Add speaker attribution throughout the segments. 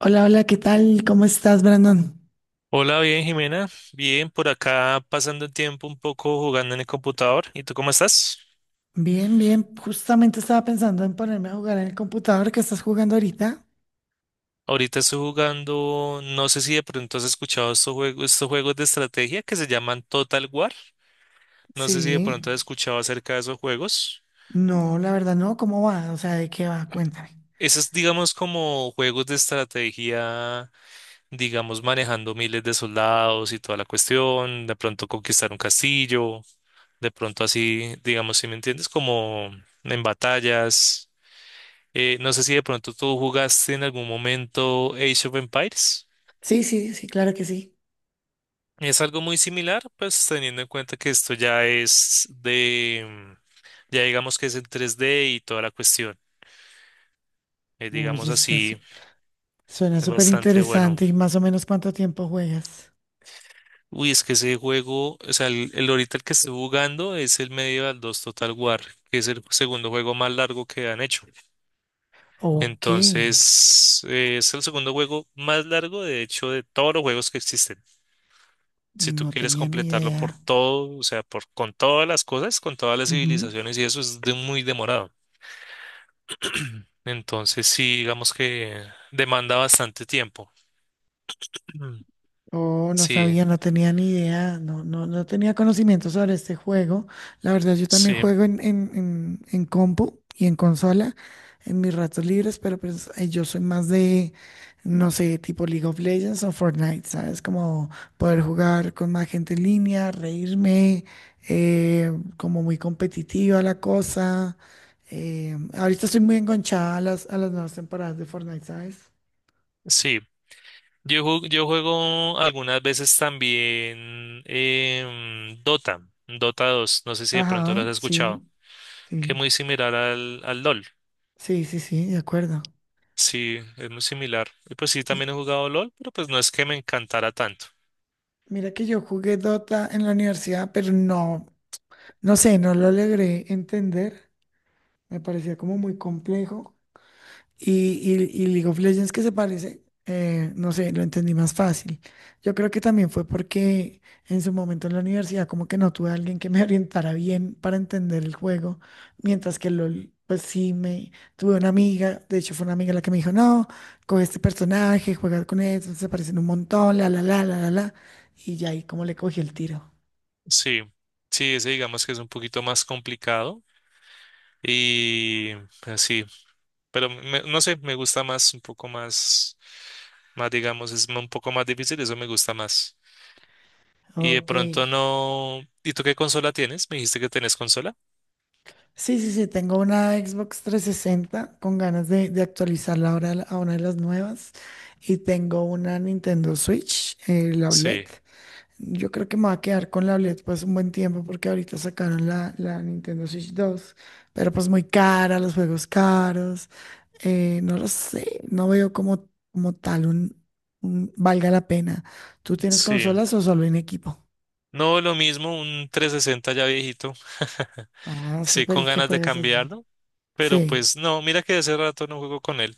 Speaker 1: Hola, hola, ¿qué tal? ¿Cómo estás, Brandon?
Speaker 2: Hola, bien, Jimena. Bien, por acá pasando el tiempo un poco jugando en el computador. ¿Y tú cómo estás?
Speaker 1: Bien, bien. Justamente estaba pensando en ponerme a jugar en el computador que estás jugando ahorita.
Speaker 2: Ahorita estoy jugando, no sé si de pronto has escuchado estos juegos, de estrategia que se llaman Total War. No sé si de
Speaker 1: Sí.
Speaker 2: pronto has escuchado acerca de esos juegos.
Speaker 1: No, la verdad no. ¿Cómo va? O sea, ¿de qué va? Cuéntame.
Speaker 2: Esos, digamos, como juegos de estrategia, digamos, manejando miles de soldados y toda la cuestión, de pronto conquistar un castillo, de pronto así, digamos, si me entiendes, como en batallas. No sé si de pronto tú jugaste en algún momento Age of Empires.
Speaker 1: Sí, sí, sí, claro que sí.
Speaker 2: Es algo muy similar, pues teniendo en cuenta que esto ya es de ya digamos que es en 3D y toda la cuestión.
Speaker 1: Oye,
Speaker 2: Digamos así,
Speaker 1: suena
Speaker 2: es
Speaker 1: súper
Speaker 2: bastante bueno.
Speaker 1: interesante. ¿Y más o menos cuánto tiempo juegas?
Speaker 2: Uy, es que ese juego, o sea, el ahorita el que estoy jugando es el Medieval 2 Total War, que es el segundo juego más largo que han hecho.
Speaker 1: Ok.
Speaker 2: Entonces, es el segundo juego más largo, de hecho, de todos los juegos que existen. Si tú
Speaker 1: No
Speaker 2: quieres
Speaker 1: tenía ni
Speaker 2: completarlo por
Speaker 1: idea.
Speaker 2: todo, o sea, por, con todas las cosas, con todas las
Speaker 1: Ujú.
Speaker 2: civilizaciones y eso es muy demorado. Entonces, sí, digamos que demanda bastante tiempo. Mm.
Speaker 1: Oh, no
Speaker 2: Sí,
Speaker 1: sabía, no tenía ni idea, no, no, no tenía conocimiento sobre este juego. La verdad, yo también
Speaker 2: sí,
Speaker 1: juego en compu y en consola en mis ratos libres, pero pues yo soy más de, no sé, tipo League of Legends o Fortnite, ¿sabes? Como poder jugar con más gente en línea, reírme, eh, como muy competitiva la cosa. Ahorita estoy muy enganchada a las nuevas temporadas de Fortnite, ¿sabes?
Speaker 2: sí. Yo juego algunas veces también Dota, Dota 2, no sé si de pronto lo has
Speaker 1: Ajá, sí,
Speaker 2: escuchado, que es
Speaker 1: sí.
Speaker 2: muy similar al LOL.
Speaker 1: Sí, sí, sí, de acuerdo.
Speaker 2: Sí, es muy similar. Y pues sí,
Speaker 1: Y
Speaker 2: también he jugado LOL, pero pues no es que me encantara tanto.
Speaker 1: Mira que yo jugué Dota en la universidad, pero no, no sé, no lo logré entender. Me parecía como muy complejo. Y, y League of Legends que se parece, no sé, lo entendí más fácil. Yo creo que también fue porque en su momento en la universidad como que no tuve a alguien que me orientara bien para entender el juego, mientras que LOL, pues sí, me tuve una amiga, de hecho fue una amiga la que me dijo, no, coge este personaje, juega con él, se parecen un montón, la, y ya ahí como le cogí el tiro.
Speaker 2: Sí, sí, ese digamos que es un poquito más complicado y así, pero no sé, me gusta más, un poco más, más digamos, es un poco más difícil, eso me gusta más. Y de
Speaker 1: Ok.
Speaker 2: pronto no, ¿y tú qué consola tienes? ¿Me dijiste que tenés consola?
Speaker 1: Sí, sí, sí, tengo una Xbox 360 con ganas de, actualizarla ahora a una de las nuevas y tengo una Nintendo Switch, la OLED.
Speaker 2: Sí,
Speaker 1: Yo creo que me va a quedar con la OLED pues un buen tiempo porque ahorita sacaron la, Nintendo Switch 2, pero pues muy cara, los juegos caros, no lo sé, no veo como, tal valga la pena. ¿Tú tienes
Speaker 2: sí.
Speaker 1: consolas o solo en equipo?
Speaker 2: No, lo mismo, un 360 ya viejito.
Speaker 1: Ah,
Speaker 2: Sí,
Speaker 1: súper,
Speaker 2: con
Speaker 1: ¿y qué
Speaker 2: ganas de
Speaker 1: juegas allí?
Speaker 2: cambiarlo, pero
Speaker 1: Sí.
Speaker 2: pues no, mira que hace rato no juego con él.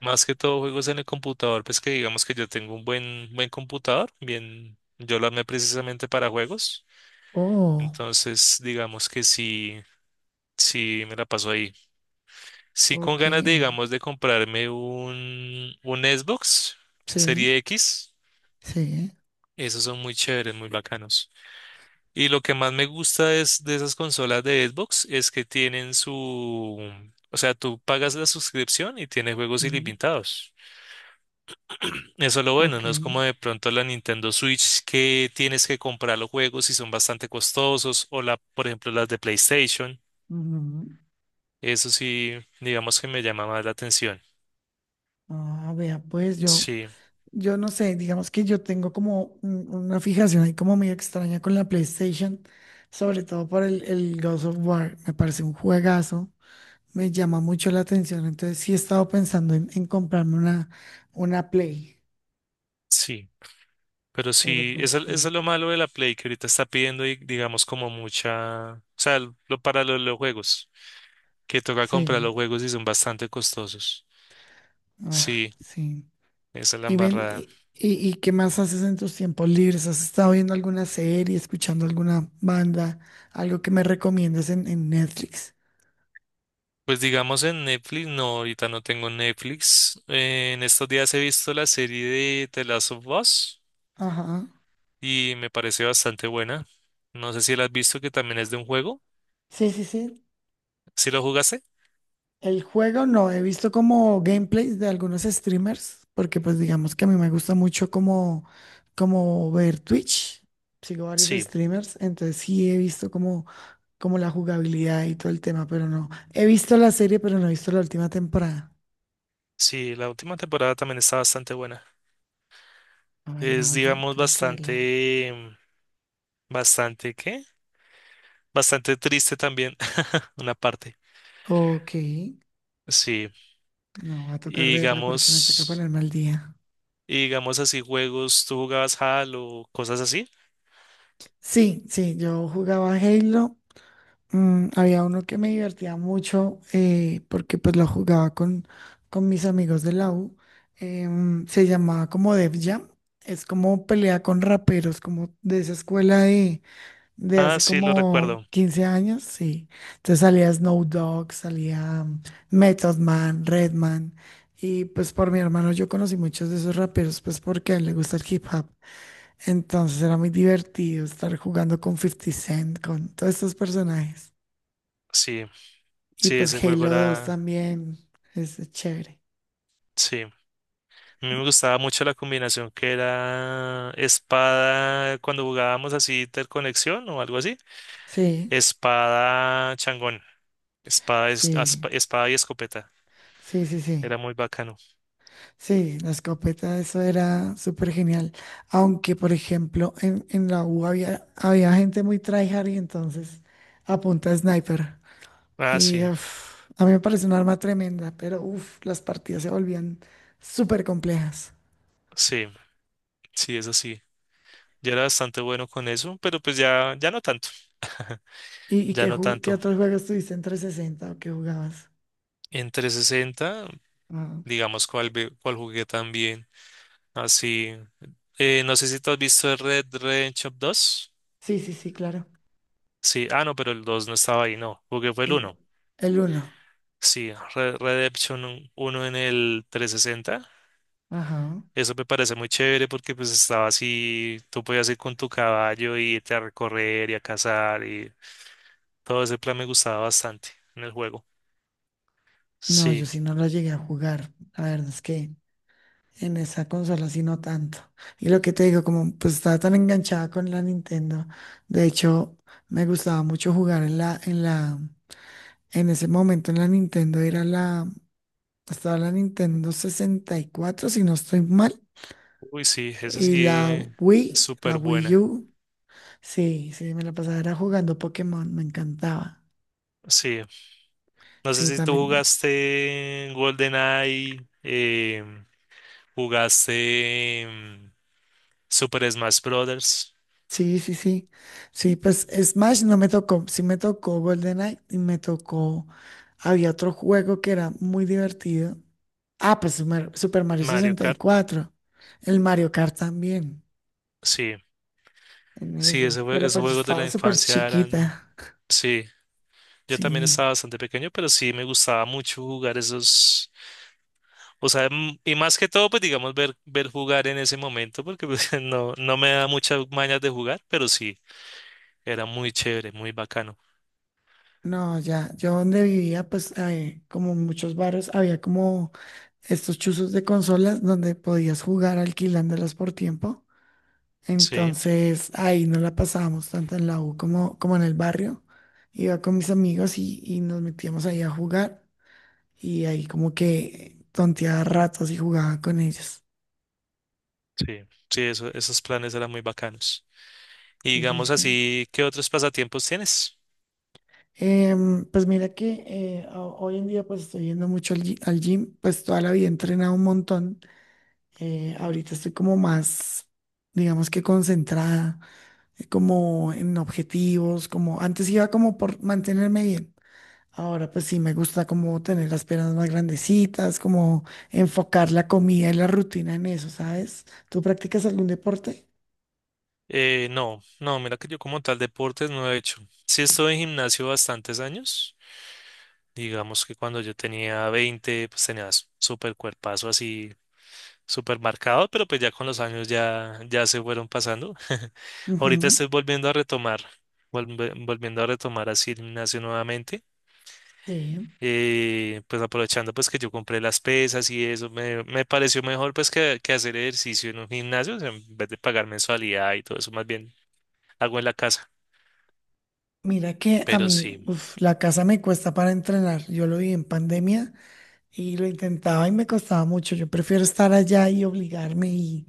Speaker 2: Más que todo juegos en el computador, pues que digamos que yo tengo un buen computador, bien, yo lo armé precisamente para juegos.
Speaker 1: Oh,
Speaker 2: Entonces, digamos que sí, sí me la paso ahí. Sí, con
Speaker 1: ok.
Speaker 2: ganas de, digamos, de comprarme un Xbox
Speaker 1: Sí,
Speaker 2: Serie X.
Speaker 1: sí.
Speaker 2: Esos son muy chéveres, muy bacanos. Y lo que más me gusta es de esas consolas de Xbox es que tienen su, o sea, tú pagas la suscripción y tiene juegos
Speaker 1: Ujú.
Speaker 2: ilimitados. Eso es lo bueno,
Speaker 1: Ok.
Speaker 2: no es como de pronto la Nintendo Switch que tienes que comprar los juegos y son bastante costosos o la, por ejemplo, las de PlayStation.
Speaker 1: Ujú.
Speaker 2: Eso sí, digamos que me llama más la atención.
Speaker 1: Ah, vea, pues yo,
Speaker 2: Sí,
Speaker 1: no sé, digamos que yo tengo como una fijación ahí como medio extraña con la PlayStation, sobre todo por el, Ghost of War, me parece un juegazo, me llama mucho la atención, entonces sí he estado pensando en, comprarme una, Play,
Speaker 2: sí. Pero
Speaker 1: pero
Speaker 2: sí,
Speaker 1: pues
Speaker 2: eso es
Speaker 1: sí,
Speaker 2: lo malo de la Play que ahorita está pidiendo, y, digamos, como mucha, o sea, lo, para los juegos. Que toca comprar
Speaker 1: sí,
Speaker 2: los juegos y son bastante costosos.
Speaker 1: ah,
Speaker 2: Sí,
Speaker 1: sí.
Speaker 2: esa es la
Speaker 1: ¿Y ven,
Speaker 2: embarrada.
Speaker 1: y qué más haces en tus tiempos libres? ¿Has estado viendo alguna serie, escuchando alguna banda, algo que me recomiendes en, Netflix?
Speaker 2: Pues digamos en Netflix, no, ahorita no tengo Netflix. En estos días he visto la serie de The Last of Us
Speaker 1: Ajá.
Speaker 2: y me parece bastante buena. No sé si la has visto, que también es de un juego.
Speaker 1: Sí, sí, sí.
Speaker 2: ¿Sí lo jugaste?
Speaker 1: El juego no, he visto como gameplays de algunos streamers, porque pues digamos que a mí me gusta mucho como, ver Twitch. Sigo varios
Speaker 2: Sí,
Speaker 1: streamers, entonces sí he visto como, la jugabilidad y todo el tema, pero no. He visto la serie, pero no he visto la última temporada.
Speaker 2: sí, la última temporada también está bastante buena.
Speaker 1: Ay,
Speaker 2: Es,
Speaker 1: no, yo
Speaker 2: digamos,
Speaker 1: tengo que verla.
Speaker 2: bastante, bastante, ¿qué? Bastante triste también, una parte.
Speaker 1: Ok.
Speaker 2: Sí,
Speaker 1: No, va a tocar
Speaker 2: y
Speaker 1: verla porque me toca
Speaker 2: digamos...
Speaker 1: ponerme al día.
Speaker 2: Y digamos así, juegos, ¿tú jugabas Halo, cosas así?
Speaker 1: Sí, sí, yo jugaba Halo. Había uno que me divertía mucho, porque pues lo jugaba con, mis amigos de la U. Se llamaba como Def Jam. Es como pelea con raperos, como de esa escuela de,
Speaker 2: Ah,
Speaker 1: hace
Speaker 2: sí, lo
Speaker 1: como
Speaker 2: recuerdo.
Speaker 1: 15 años, sí. Entonces salía Snow Dogg, salía Method Man, Redman. Y pues por mi hermano yo conocí muchos de esos raperos, pues porque a él le gusta el hip hop. Entonces era muy divertido estar jugando con Fifty Cent, con todos estos personajes.
Speaker 2: Sí,
Speaker 1: Y
Speaker 2: sí, ese
Speaker 1: pues
Speaker 2: juego
Speaker 1: Halo 2
Speaker 2: era...
Speaker 1: también es chévere.
Speaker 2: Sí, a mí me gustaba mucho la combinación que era espada, cuando jugábamos así interconexión o algo así,
Speaker 1: Sí,
Speaker 2: espada changón,
Speaker 1: sí,
Speaker 2: espada y escopeta.
Speaker 1: sí, sí, sí.
Speaker 2: Era muy bacano.
Speaker 1: Sí, la escopeta, eso era súper genial. Aunque, por ejemplo, en, la U había, gente muy tryhard y entonces apunta a punta de sniper.
Speaker 2: Ah,
Speaker 1: Y
Speaker 2: sí,
Speaker 1: uf, a mí me parece un arma tremenda, pero uf, las partidas se volvían súper complejas.
Speaker 2: sí, sí, eso sí. Yo era bastante bueno con eso, pero pues ya, ya no tanto.
Speaker 1: ¿Y
Speaker 2: Ya no
Speaker 1: qué
Speaker 2: tanto.
Speaker 1: otros juegos tuviste en 360 o qué jugabas?
Speaker 2: En trescientos sesenta
Speaker 1: Ah,
Speaker 2: digamos, cuál jugué también, así. No sé si tú has visto el Red Redemption 2.
Speaker 1: sí, sí, sí, claro.
Speaker 2: Sí, ah, no, pero el 2 no estaba ahí, no, porque fue el
Speaker 1: El,
Speaker 2: 1.
Speaker 1: el uno.
Speaker 2: Sí, Red Redemption 1 en el 360.
Speaker 1: Ajá.
Speaker 2: Eso me parece muy chévere porque pues estaba así, tú podías ir con tu caballo y irte a recorrer y a cazar y todo ese plan me gustaba bastante en el juego.
Speaker 1: No, yo
Speaker 2: Sí,
Speaker 1: sí no lo llegué a jugar. La verdad es que en esa consola sí no tanto. Y lo que te digo, como pues estaba tan enganchada con la Nintendo. De hecho, me gustaba mucho jugar en la, en la, en ese momento en la Nintendo estaba la Nintendo 64 si no estoy mal.
Speaker 2: uy, sí, esa sí,
Speaker 1: Y
Speaker 2: eh, es
Speaker 1: La
Speaker 2: súper
Speaker 1: Wii
Speaker 2: buena.
Speaker 1: U. Sí, sí, me la pasaba era jugando Pokémon, me encantaba.
Speaker 2: Sí, no sé
Speaker 1: Sí,
Speaker 2: si tú
Speaker 1: también.
Speaker 2: jugaste GoldenEye, ¿jugaste Super Smash Brothers?
Speaker 1: Sí, sí, sí. Sí, pues Smash no me tocó. Sí me tocó GoldenEye y me tocó. Había otro juego que era muy divertido. Ah, pues Super Mario
Speaker 2: Mario Kart.
Speaker 1: 64. El Mario Kart también,
Speaker 2: Sí,
Speaker 1: en
Speaker 2: sí,
Speaker 1: esos. Pero
Speaker 2: esos
Speaker 1: pues yo
Speaker 2: juegos de la
Speaker 1: estaba súper
Speaker 2: infancia eran...
Speaker 1: chiquita.
Speaker 2: Sí, yo también
Speaker 1: Sí.
Speaker 2: estaba bastante pequeño, pero sí me gustaba mucho jugar esos... O sea, y más que todo, pues digamos, ver jugar en ese momento, porque pues, no, no me da muchas mañas de jugar, pero sí, era muy chévere, muy bacano.
Speaker 1: No, ya, yo donde vivía, pues como muchos barrios, había como estos chuzos de consolas donde podías jugar alquilándolas por tiempo.
Speaker 2: Sí,
Speaker 1: Entonces ahí no la pasábamos tanto en la U como, en el barrio. Iba con mis amigos y nos metíamos ahí a jugar y ahí como que tonteaba ratos y jugaba con ellos.
Speaker 2: sí, sí, esos planes eran muy bacanos. Y
Speaker 1: Sí, sí,
Speaker 2: digamos
Speaker 1: sí.
Speaker 2: así, ¿qué otros pasatiempos tienes?
Speaker 1: Pues mira que hoy en día pues estoy yendo mucho al gym, pues toda la vida he entrenado un montón. Ahorita estoy como más, digamos que concentrada, como en objetivos, como antes iba como por mantenerme bien. Ahora pues sí me gusta como tener las piernas más grandecitas, como enfocar la comida y la rutina en eso, ¿sabes? ¿Tú practicas algún deporte?
Speaker 2: No, no, mira que yo como tal deportes no he hecho. Sí estuve en gimnasio bastantes años. Digamos que cuando yo tenía 20, pues tenía súper cuerpazo así, súper marcado, pero pues ya con los años ya, ya se fueron pasando. Ahorita
Speaker 1: Ujú,
Speaker 2: estoy volviendo a retomar, volviendo a retomar así el gimnasio nuevamente.
Speaker 1: sí.
Speaker 2: Pues aprovechando pues que yo compré las pesas y eso, me pareció mejor pues que hacer ejercicio en un gimnasio, o sea, en vez de pagar mensualidad y todo eso, más bien hago en la casa.
Speaker 1: Mira que a
Speaker 2: Pero
Speaker 1: mí,
Speaker 2: sí.
Speaker 1: uf, la casa me cuesta para entrenar. Yo lo vi en pandemia y lo intentaba y me costaba mucho. Yo prefiero estar allá y obligarme y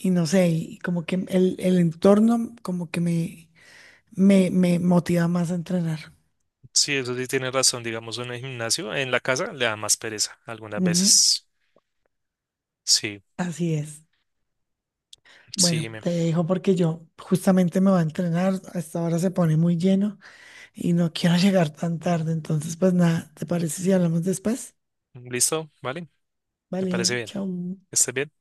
Speaker 1: Y no sé, y como que el, entorno como que me, me motiva más a entrenar.
Speaker 2: Sí, eso sí tiene razón, digamos, en el gimnasio, en la casa le da más pereza algunas
Speaker 1: Ujú,
Speaker 2: veces. Sí,
Speaker 1: así es. Bueno,
Speaker 2: sí, me.
Speaker 1: te dejo porque yo justamente me voy a entrenar. Hasta ahora se pone muy lleno y no quiero llegar tan tarde. Entonces, pues nada, ¿te parece si hablamos después?
Speaker 2: ¿Listo? ¿Vale? Me parece
Speaker 1: Vale,
Speaker 2: bien.
Speaker 1: chao.
Speaker 2: ¿Estás bien?